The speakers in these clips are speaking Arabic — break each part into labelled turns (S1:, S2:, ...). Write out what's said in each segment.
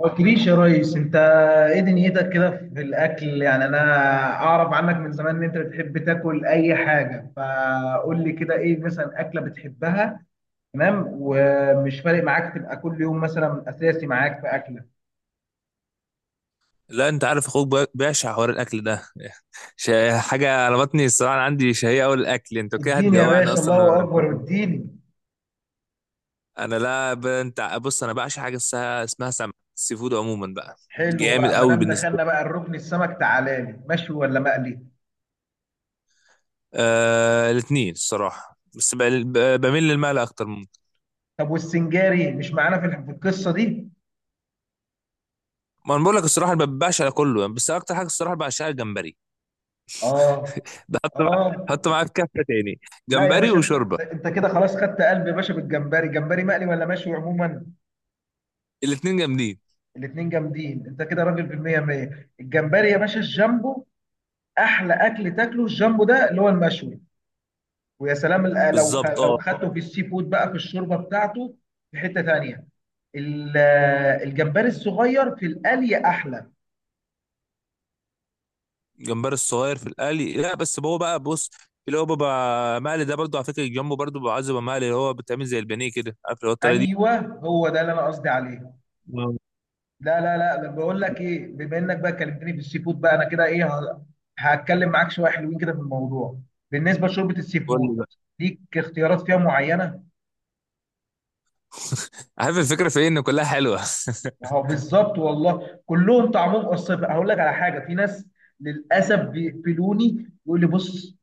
S1: ما قلتليش يا ريس، انت ايه دنيتك كده في الاكل؟ يعني انا اعرف عنك من زمان ان انت بتحب تاكل اي حاجه، فقول لي كده ايه مثلا اكله بتحبها؟ تمام، ومش فارق معاك تبقى كل يوم مثلا اساسي معاك في اكله؟
S2: لا، انت عارف اخوك بيعشق حوار الاكل ده. حاجه على بطني الصراحه، أنا عندي شهيه قوي الاكل. انت كده
S1: اديني يا
S2: هتجوعني
S1: باشا،
S2: اصلا.
S1: الله
S2: انا
S1: اكبر، اديني.
S2: أنا لا ب... انت بص، انا بعشق حاجه اسمها سمك، السي فود عموما بقى
S1: حلو
S2: جامد
S1: بقى، ما
S2: قوي
S1: دام
S2: بالنسبه
S1: دخلنا
S2: لي.
S1: بقى الركن السمك، تعالى لي مشوي ولا مقلي؟
S2: الاثنين الصراحه، بميل للمال اكتر ممكن.
S1: طب والسنجاري مش معانا في في القصه دي؟
S2: ما انا بقول لك الصراحه ما بعشق على كله يعني، بس اكتر حاجه الصراحه بعشقها الجمبري.
S1: اه،
S2: بحط مع...
S1: اه.
S2: حط معاه في كفه تاني.
S1: لا يا
S2: جمبري
S1: باشا،
S2: وشوربه،
S1: انت كده خلاص خدت قلب يا باشا بالجمبري، جمبري مقلي ولا مشوي عموما؟
S2: الاثنين جامدين.
S1: الاتنين جامدين، انت كده راجل بالمية مية. الجمبري يا باشا الجامبو، احلى اكل تاكله الجامبو ده اللي هو المشوي، ويا سلام لو
S2: بالظبط اه.
S1: لو خدته في السي فود بقى في الشوربه بتاعته في حته تانية. ال- الجمبري الصغير في القلي احلى.
S2: الجمبري الصغير في القلي، لا بس هو بقى بص، اللي هو بيبقى مقلي ده برضو على فكره، الجامبو برضو بيبقى عايز يبقى مقلي، اللي هو بتعمل زي البانيه كده، عارف اللي هو الطريقه دي.
S1: ايوه هو ده اللي انا قصدي عليه.
S2: آه.
S1: لا لا لا، ده بقول لك ايه، بما انك بقى كلمتني في السي فود، بقى انا كده ايه هتكلم معاك شويه حلوين كده في الموضوع. بالنسبه لشوربه السي
S2: قول
S1: فود،
S2: لي بقى.
S1: ليك اختيارات فيها معينه.
S2: عارف الفكره في ايه؟ ان كلها حلوه.
S1: اهو بالظبط والله، كلهم طعمهم قصير. هقول لك على حاجه، في ناس للاسف بيقفلوني، يقول لي بص،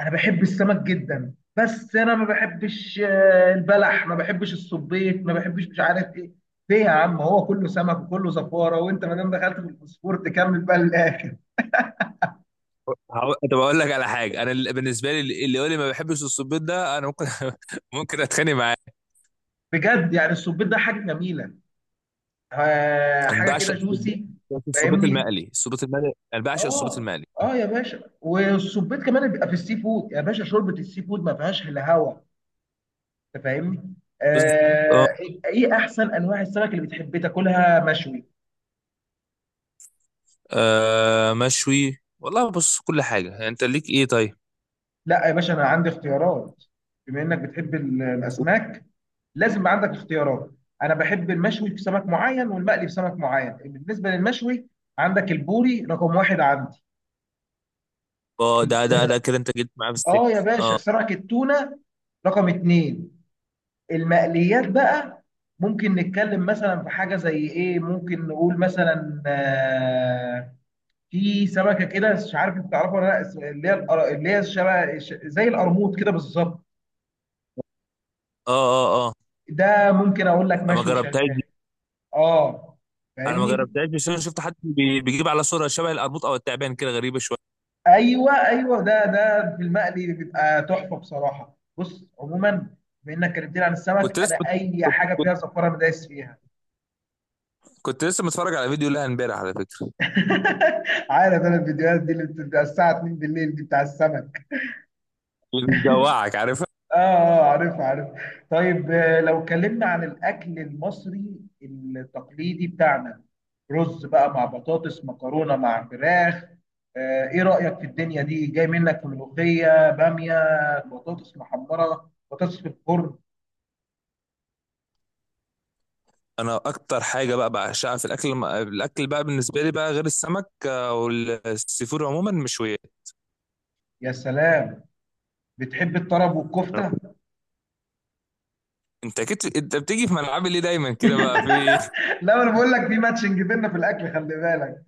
S1: انا بحب السمك جدا، بس انا ما بحبش البلح، ما بحبش الصبيط، ما بحبش، مش عارف ايه. ليه يا عم؟ هو كله سمك وكله زفاره، وانت ما دام دخلت في الفوسفور تكمل بقى للاخر.
S2: طب اقول لك على حاجه، انا بالنسبه لي اللي يقول لي ما بحبش الصبيط ده انا ممكن ممكن اتخانق معاه.
S1: بجد يعني السبيط ده حاجه جميله،
S2: انا
S1: حاجه كده
S2: بعشق الصبيط،
S1: جوسي.
S2: بس الصبيط
S1: فاهمني،
S2: المقلي، الصبيط المقلي. انا بعشق الصبيط
S1: اه
S2: المقلي.
S1: اه يا باشا. والسبيط كمان بيبقى في السي فود يا باشا، شوربه السي فود ما فيهاش الا هوا، انت فاهمني. آه. ايه احسن انواع السمك اللي بتحب تاكلها مشوي؟
S2: آه مشوي والله. بص كل حاجه يعني، انت ليك ايه طيب؟
S1: لا يا باشا، انا عندي اختيارات. بما انك بتحب الاسماك، لازم يبقى عندك اختيارات. انا بحب المشوي في سمك معين والمقلي في سمك معين. بالنسبه للمشوي، عندك البوري رقم واحد.
S2: اه، ده
S1: عندي
S2: ده ده كده انت جيت معاه في
S1: اه يا
S2: السكه.
S1: باشا صنعة التونة رقم اتنين. المقليات بقى، ممكن نتكلم مثلا في حاجة زي ايه، ممكن نقول مثلا في سمكة كده مش عارف انت تعرفها ولا لا، اللي هي اللي هي شبه زي القرموط كده بالظبط.
S2: اه اه.
S1: ده ممكن اقول لك
S2: انا ما
S1: مشوي
S2: جربتهاش دي.
S1: شغال. اه،
S2: انا ما
S1: فاهمني.
S2: جربتهاش، بس انا شفت حد بيجيب على صوره شبه القرموط او التعبان، كده غريبه شويه.
S1: ايوه ايوه، ده ده في المقلي بيبقى تحفة بصراحة. بص عموما بما انك كلمتني عن
S2: كنت
S1: السمك،
S2: لسه
S1: انا
S2: كنت
S1: اي
S2: كنت,
S1: حاجة فيها
S2: كنت
S1: زفارة انا دايس فيها.
S2: كنت لسه متفرج على فيديو لها امبارح على فكره.
S1: عارف انا الفيديوهات دي اللي بتبقى الساعة 2 بالليل دي بتاع السمك.
S2: اللي بيجوعك، عارفها.
S1: اه اه، عارفها عارفها. طيب لو اتكلمنا عن الاكل المصري التقليدي بتاعنا، رز بقى مع بطاطس، مكرونة مع فراخ، ايه رأيك في الدنيا دي؟ جاي منك ملوخية، بامية، بطاطس محمرة، بطاطس في الفرن.
S2: انا اكتر حاجه بقى بعشقها في الاكل بقى بالنسبه لي بقى، غير السمك آه، والسي فود عموما، مشويات.
S1: يا سلام، بتحب الطرب والكفتة؟
S2: انت اكيد، انت بتيجي في ملعبي ليه دايما كده بقى في إيه؟
S1: لا، انا بقول لك في ماتشنج بينا في الاكل، خلي بالك.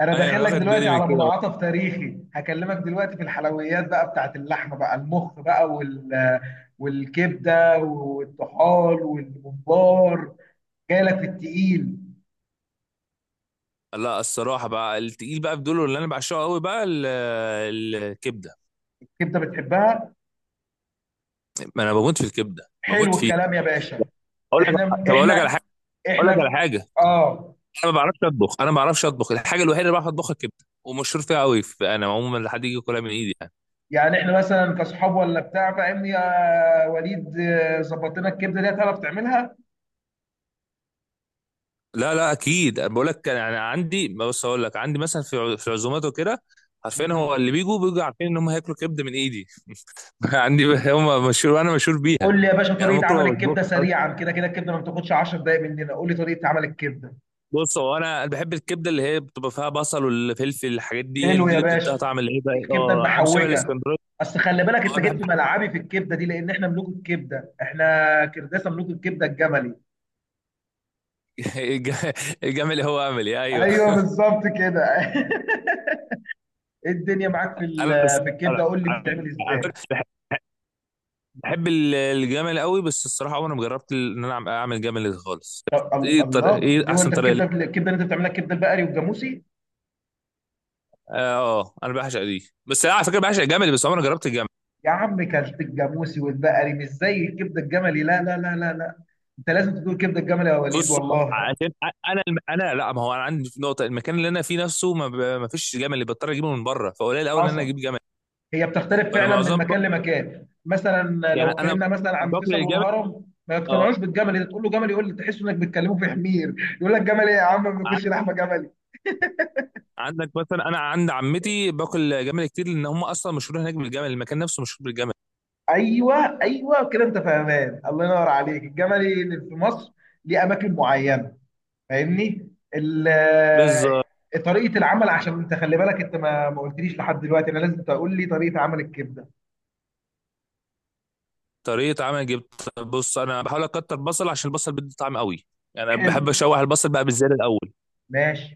S1: انا
S2: ايوه
S1: داخل
S2: انا
S1: لك
S2: واخد
S1: دلوقتي
S2: بالي من
S1: على
S2: كده بقى.
S1: منعطف تاريخي، هكلمك دلوقتي في الحلويات بقى بتاعت اللحمه، بقى المخ بقى وال، والكبده والطحال والممبار، جاي لك في التقيل.
S2: لا الصراحه بقى، التقيل بقى بدول اللي انا بعشقه قوي بقى، الكبده.
S1: الكبده بتحبها؟
S2: ما انا بموت في الكبده، بموت
S1: حلو
S2: فيها.
S1: الكلام يا باشا.
S2: اقول لك،
S1: احنا
S2: طب اقول لك على حاجه،
S1: احنا
S2: اقول لك
S1: احنا
S2: على
S1: في
S2: حاجه،
S1: اه
S2: انا ما بعرفش اطبخ، انا ما بعرفش اطبخ. الحاجه الوحيده اللي بعرف اطبخها الكبده، ومشهور فيها قوي انا عموما، لحد يجي ياكلها من ايدي يعني.
S1: يعني احنا مثلا كصحاب ولا بتاع، فاهمني يا وليد؟ ظبط لنا الكبده دي، تعرف تعملها؟
S2: لا لا اكيد بقول لك، انا عندي، بص اقول لك، عندي مثلا في في عزومات وكده، عارفين هو،
S1: مم.
S2: اللي بيجوا عارفين ان هم هياكلوا كبده من ايدي. عندي هم مشهور وانا مشهور بيها.
S1: قول لي يا باشا
S2: يعني انا
S1: طريقه
S2: ممكن ما
S1: عمل
S2: بطبخش
S1: الكبده
S2: أصلاً.
S1: سريعا، كده كده الكبده ما بتاخدش 10 دقائق مننا. قول لي طريقه عمل الكبده.
S2: بص هو انا بحب الكبده اللي هي بتبقى فيها بصل والفلفل، الحاجات دي هي دي
S1: حلو يا
S2: اللي بتديها
S1: باشا،
S2: طعم العيبه،
S1: الكبده
S2: اه عامل شبه
S1: المحوجه.
S2: الاسكندراني.
S1: اصل خلي بالك، انت
S2: اه أنا
S1: جيت
S2: بحب.
S1: في ملعبي في الكبده دي، لان احنا ملوك الكبده، احنا كرداسه ملوك الكبده الجملي.
S2: الجمل هو عملي، ايوه.
S1: ايوه بالظبط كده. ايه الدنيا معاك في في الكبده؟
S2: انا
S1: قول لي بتتعمل
S2: على فكرة
S1: ازاي؟
S2: بحب الجمل قوي، بس الصراحه عمري ما جربت ان انا اعمل جمل خالص.
S1: طب
S2: ايه الطريقه؟
S1: الله
S2: ايه
S1: ليه هو
S2: احسن
S1: انت
S2: طريقه ليه؟
S1: الكبده اللي انت بتعملها، الكبده البقري والجاموسي؟
S2: اه آه، انا بعشق دي، بس أنا على فكره بعشق الجمل، بس عمري ما جربت الجمل.
S1: يا عم كلت الجاموسي والبقري، مش زي الكبده الجملي، لا لا لا لا لا، انت لازم تدوق كبده الجملي يا وليد،
S2: بص
S1: والله.
S2: عشان انا انا لا، ما هو انا عندي نقطه، المكان اللي انا فيه نفسه ما, ما فيش جمل، اللي بضطر اجيبه من بره، فقليل قوي ان انا اجيب
S1: حصل،
S2: جمل.
S1: هي بتختلف
S2: فانا
S1: فعلا من
S2: معظم
S1: مكان لمكان. مثلا
S2: يعني
S1: لو
S2: انا
S1: اتكلمنا مثلا عن
S2: باكل
S1: فيصل
S2: الجمل.
S1: والهرم، ما
S2: اه،
S1: يقتنعوش بالجمل، انت تقول له جمل يقول لك تحس انك بتكلمه في حمير، يقول لك جمل ايه يا عم، ما
S2: ع-
S1: بياكلش لحمه جملي.
S2: عندك مثلا انا عند عمتي باكل جمل كتير، لان هم اصلا مشهورين هناك بالجمل، المكان نفسه مشهور بالجمل.
S1: ايوه ايوه كده انت فاهمان، الله ينور عليك. الجملي اللي في مصر ليه اماكن معينه، فاهمني. ال-
S2: بالظبط.
S1: طريقه العمل، عشان انت خلي بالك، انت ما قلتليش لحد دلوقتي، انا لازم تقول لي طريقه عمل الكبده.
S2: طريقة عمل جبت، بص أنا بحاول أكتر بصل، عشان البصل بيدي طعم قوي. يعني أنا
S1: حلو،
S2: بحب أشوح البصل بقى بالزيادة الأول.
S1: ماشي.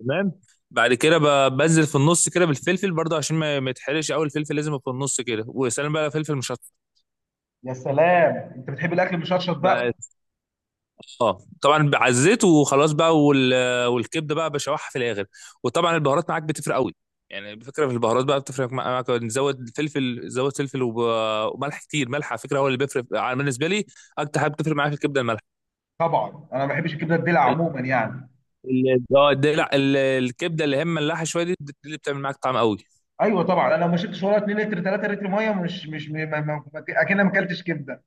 S2: تمام. بعد كده بنزل في النص كده بالفلفل برضه، عشان ما ما يتحرقش قوي، الفلفل لازم يبقى في النص كده، وسلام بقى لو فلفل مشطشط
S1: يا سلام، انت بتحب الاكل مشطشط
S2: بقى.
S1: بقى؟
S2: اه طبعا بعزيت وخلاص بقى والكبده بقى بشوحها في الاخر. وطبعا البهارات معاك بتفرق قوي. يعني بفكره في البهارات بقى بتفرق معاك، نزود فلفل، زود فلفل وملح كتير. ملح على فكره هو اللي بيفرق على بالنسبه لي، اكتر حاجه بتفرق معايا في الكبده الملح.
S1: طبعا انا ما بحبش الكبده الدلع عموما يعني.
S2: اه الكبده اللي هي ملاحه شويه دي، دي اللي بتعمل معاك طعم قوي.
S1: ايوه طبعا، انا لو ما شربتش ولا 2 لتر 3 لتر ميه، مش ما اكن ما اكلتش كبده.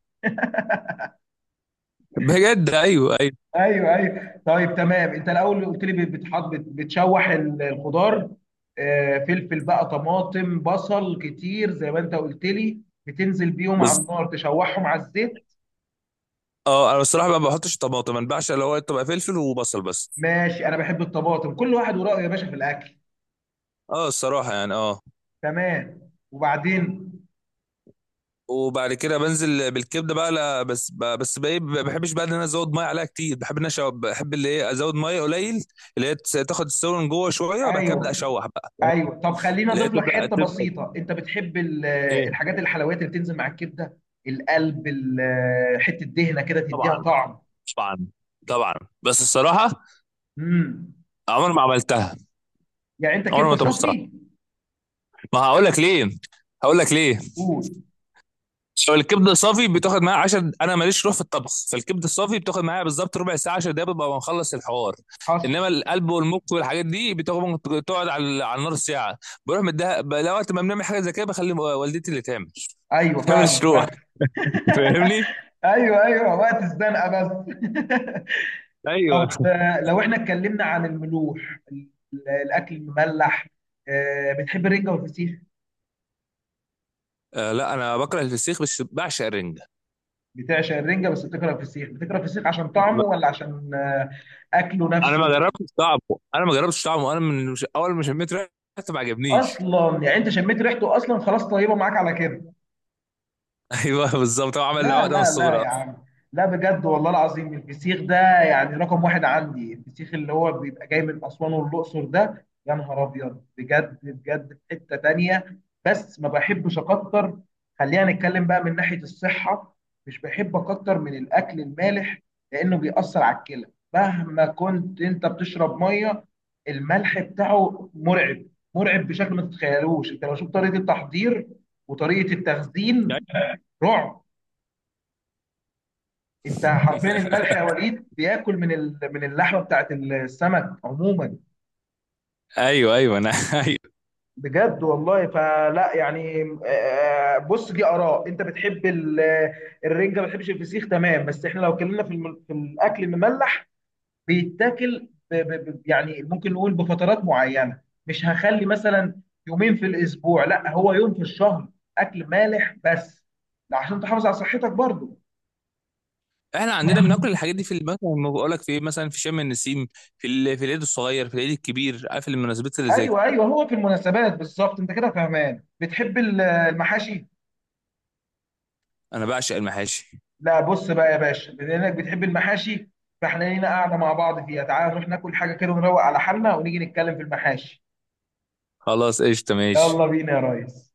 S2: بجد، ايوه ايوه.
S1: ايوه ايوه، طيب تمام، انت الاول قلت لي بتحط بتشوح الخضار، فلفل بقى، طماطم، بصل كتير زي ما انت قلت لي، بتنزل بيهم على
S2: بس
S1: النار تشوحهم على الزيت.
S2: اه انا الصراحه بقى ما بحطش طماطم، انا بعشق اللي هو تبقى فلفل وبصل بس.
S1: ماشي، انا بحب الطماطم، كل واحد ورايه يا باشا في الاكل.
S2: اه الصراحه يعني اه.
S1: تمام، وبعدين؟
S2: وبعد كده بنزل بالكبده بقى، لا بس بقى إيه، ما بحبش بقى ان انا ازود ميه عليها كتير، بحب ان انا بحب اللي هي ازود ميه قليل، اللي هي تاخد السوا من جوه شويه، وبعد كده ابدا
S1: ايوه
S2: اشوح بقى،
S1: ايوه. طب خليني
S2: اللي هي
S1: اضيف لك
S2: تبدا
S1: حته
S2: تبدا
S1: بسيطه، انت بتحب
S2: ايه؟
S1: الحاجات الحلويات اللي بتنزل مع الكبده، القلب، حته دهنه كده تديها
S2: طبعا
S1: طعم.
S2: طبعا طبعا. بس الصراحه
S1: امم،
S2: عمر ما عملتها،
S1: يعني انت
S2: عمر
S1: كبده
S2: ما طبختها.
S1: صافي؟
S2: ما هقول لك ليه، هقول لك ليه.
S1: قول.
S2: لو الكبده صافي بتاخد معايا 10، انا ماليش روح في الطبخ، فالكبده الصافي بتاخد معايا بالظبط ربع ساعه 10 دقايق، ببقى مخلص الحوار.
S1: حصل.
S2: انما القلب والمخ والحاجات دي بتاخد ممكن تقعد على على النار ساعه، بروح مديها لو وقت ما بنعمل حاجه زي كده بخلي والدتي اللي تعمل.
S1: ايوه
S2: انا ماليش
S1: فاهمك،
S2: روح،
S1: فاهم.
S2: فاهمني.
S1: ايوه ايوه، وقت الزنقه بس.
S2: ايوه
S1: طب لو احنا اتكلمنا عن الملوح الاكل المملح، بتحب الرنجه والفسيخ؟
S2: آه، لا انا بكره الفسيخ بس بعشق الرنجه.
S1: بتعشق الرنجه بس بتكره الفسيخ، بتكره الفسيخ عشان طعمه ولا عشان اكله
S2: انا ما
S1: نفسه؟
S2: جربتش طعمه، انا ما جربتش طعمه، انا من مش... اول ما شميت ريحته ما عجبنيش.
S1: اصلا يعني انت شميت ريحته، اصلا خلاص طيبه معاك على كده.
S2: ايوه بالظبط، هو عمل لي
S1: لا
S2: عقده من
S1: لا لا
S2: الصغر
S1: يا عم، لا بجد والله العظيم، الفسيخ ده يعني رقم واحد عندي، الفسيخ اللي هو بيبقى جاي من أسوان والأقصر ده يا نهار أبيض، بجد بجد في حتة تانية. بس ما بحبش أكتر، خلينا نتكلم بقى من ناحية الصحة، مش بحب أكتر من الأكل المالح، لأنه بيأثر على الكلى، مهما كنت أنت بتشرب مية، الملح بتاعه مرعب، مرعب بشكل ما تتخيلوش. أنت لو شفت طريقة التحضير وطريقة
S2: اصلا.
S1: التخزين، رعب. انت حرفيا الملح يا وليد بياكل من من اللحمه بتاعت السمك عموما.
S2: ايوه ايوه انا ايوه.
S1: بجد والله، فلا يعني بص، دي اراء، انت بتحب الرنجه ما بتحبش الفسيخ، تمام. بس احنا لو اتكلمنا في في الاكل المملح، بيتاكل يعني ممكن نقول بفترات معينه. مش هخلي مثلا يومين في الاسبوع، لا، هو يوم في الشهر اكل مالح بس، لا عشان تحافظ على صحتك برضو.
S2: احنا عندنا بناكل الحاجات دي في مثلا ما بقول لك في ايه، مثلا في شم النسيم، في في العيد الصغير، في العيد الكبير، عارف المناسبات اللي زي كده.
S1: ايوه ايوه، هو في المناسبات بالظبط. انت كده فهمان، بتحب المحاشي.
S2: انا بعشق المحاشي.
S1: لا، بص بقى يا باشا، بما انك بتحب المحاشي، فاحنا لينا قاعده مع بعض فيها، تعال نروح ناكل حاجه كده ونروق على حالنا، ونيجي نتكلم في المحاشي.
S2: خلاص قشطه، ماشي.
S1: يلا بينا يا ريس.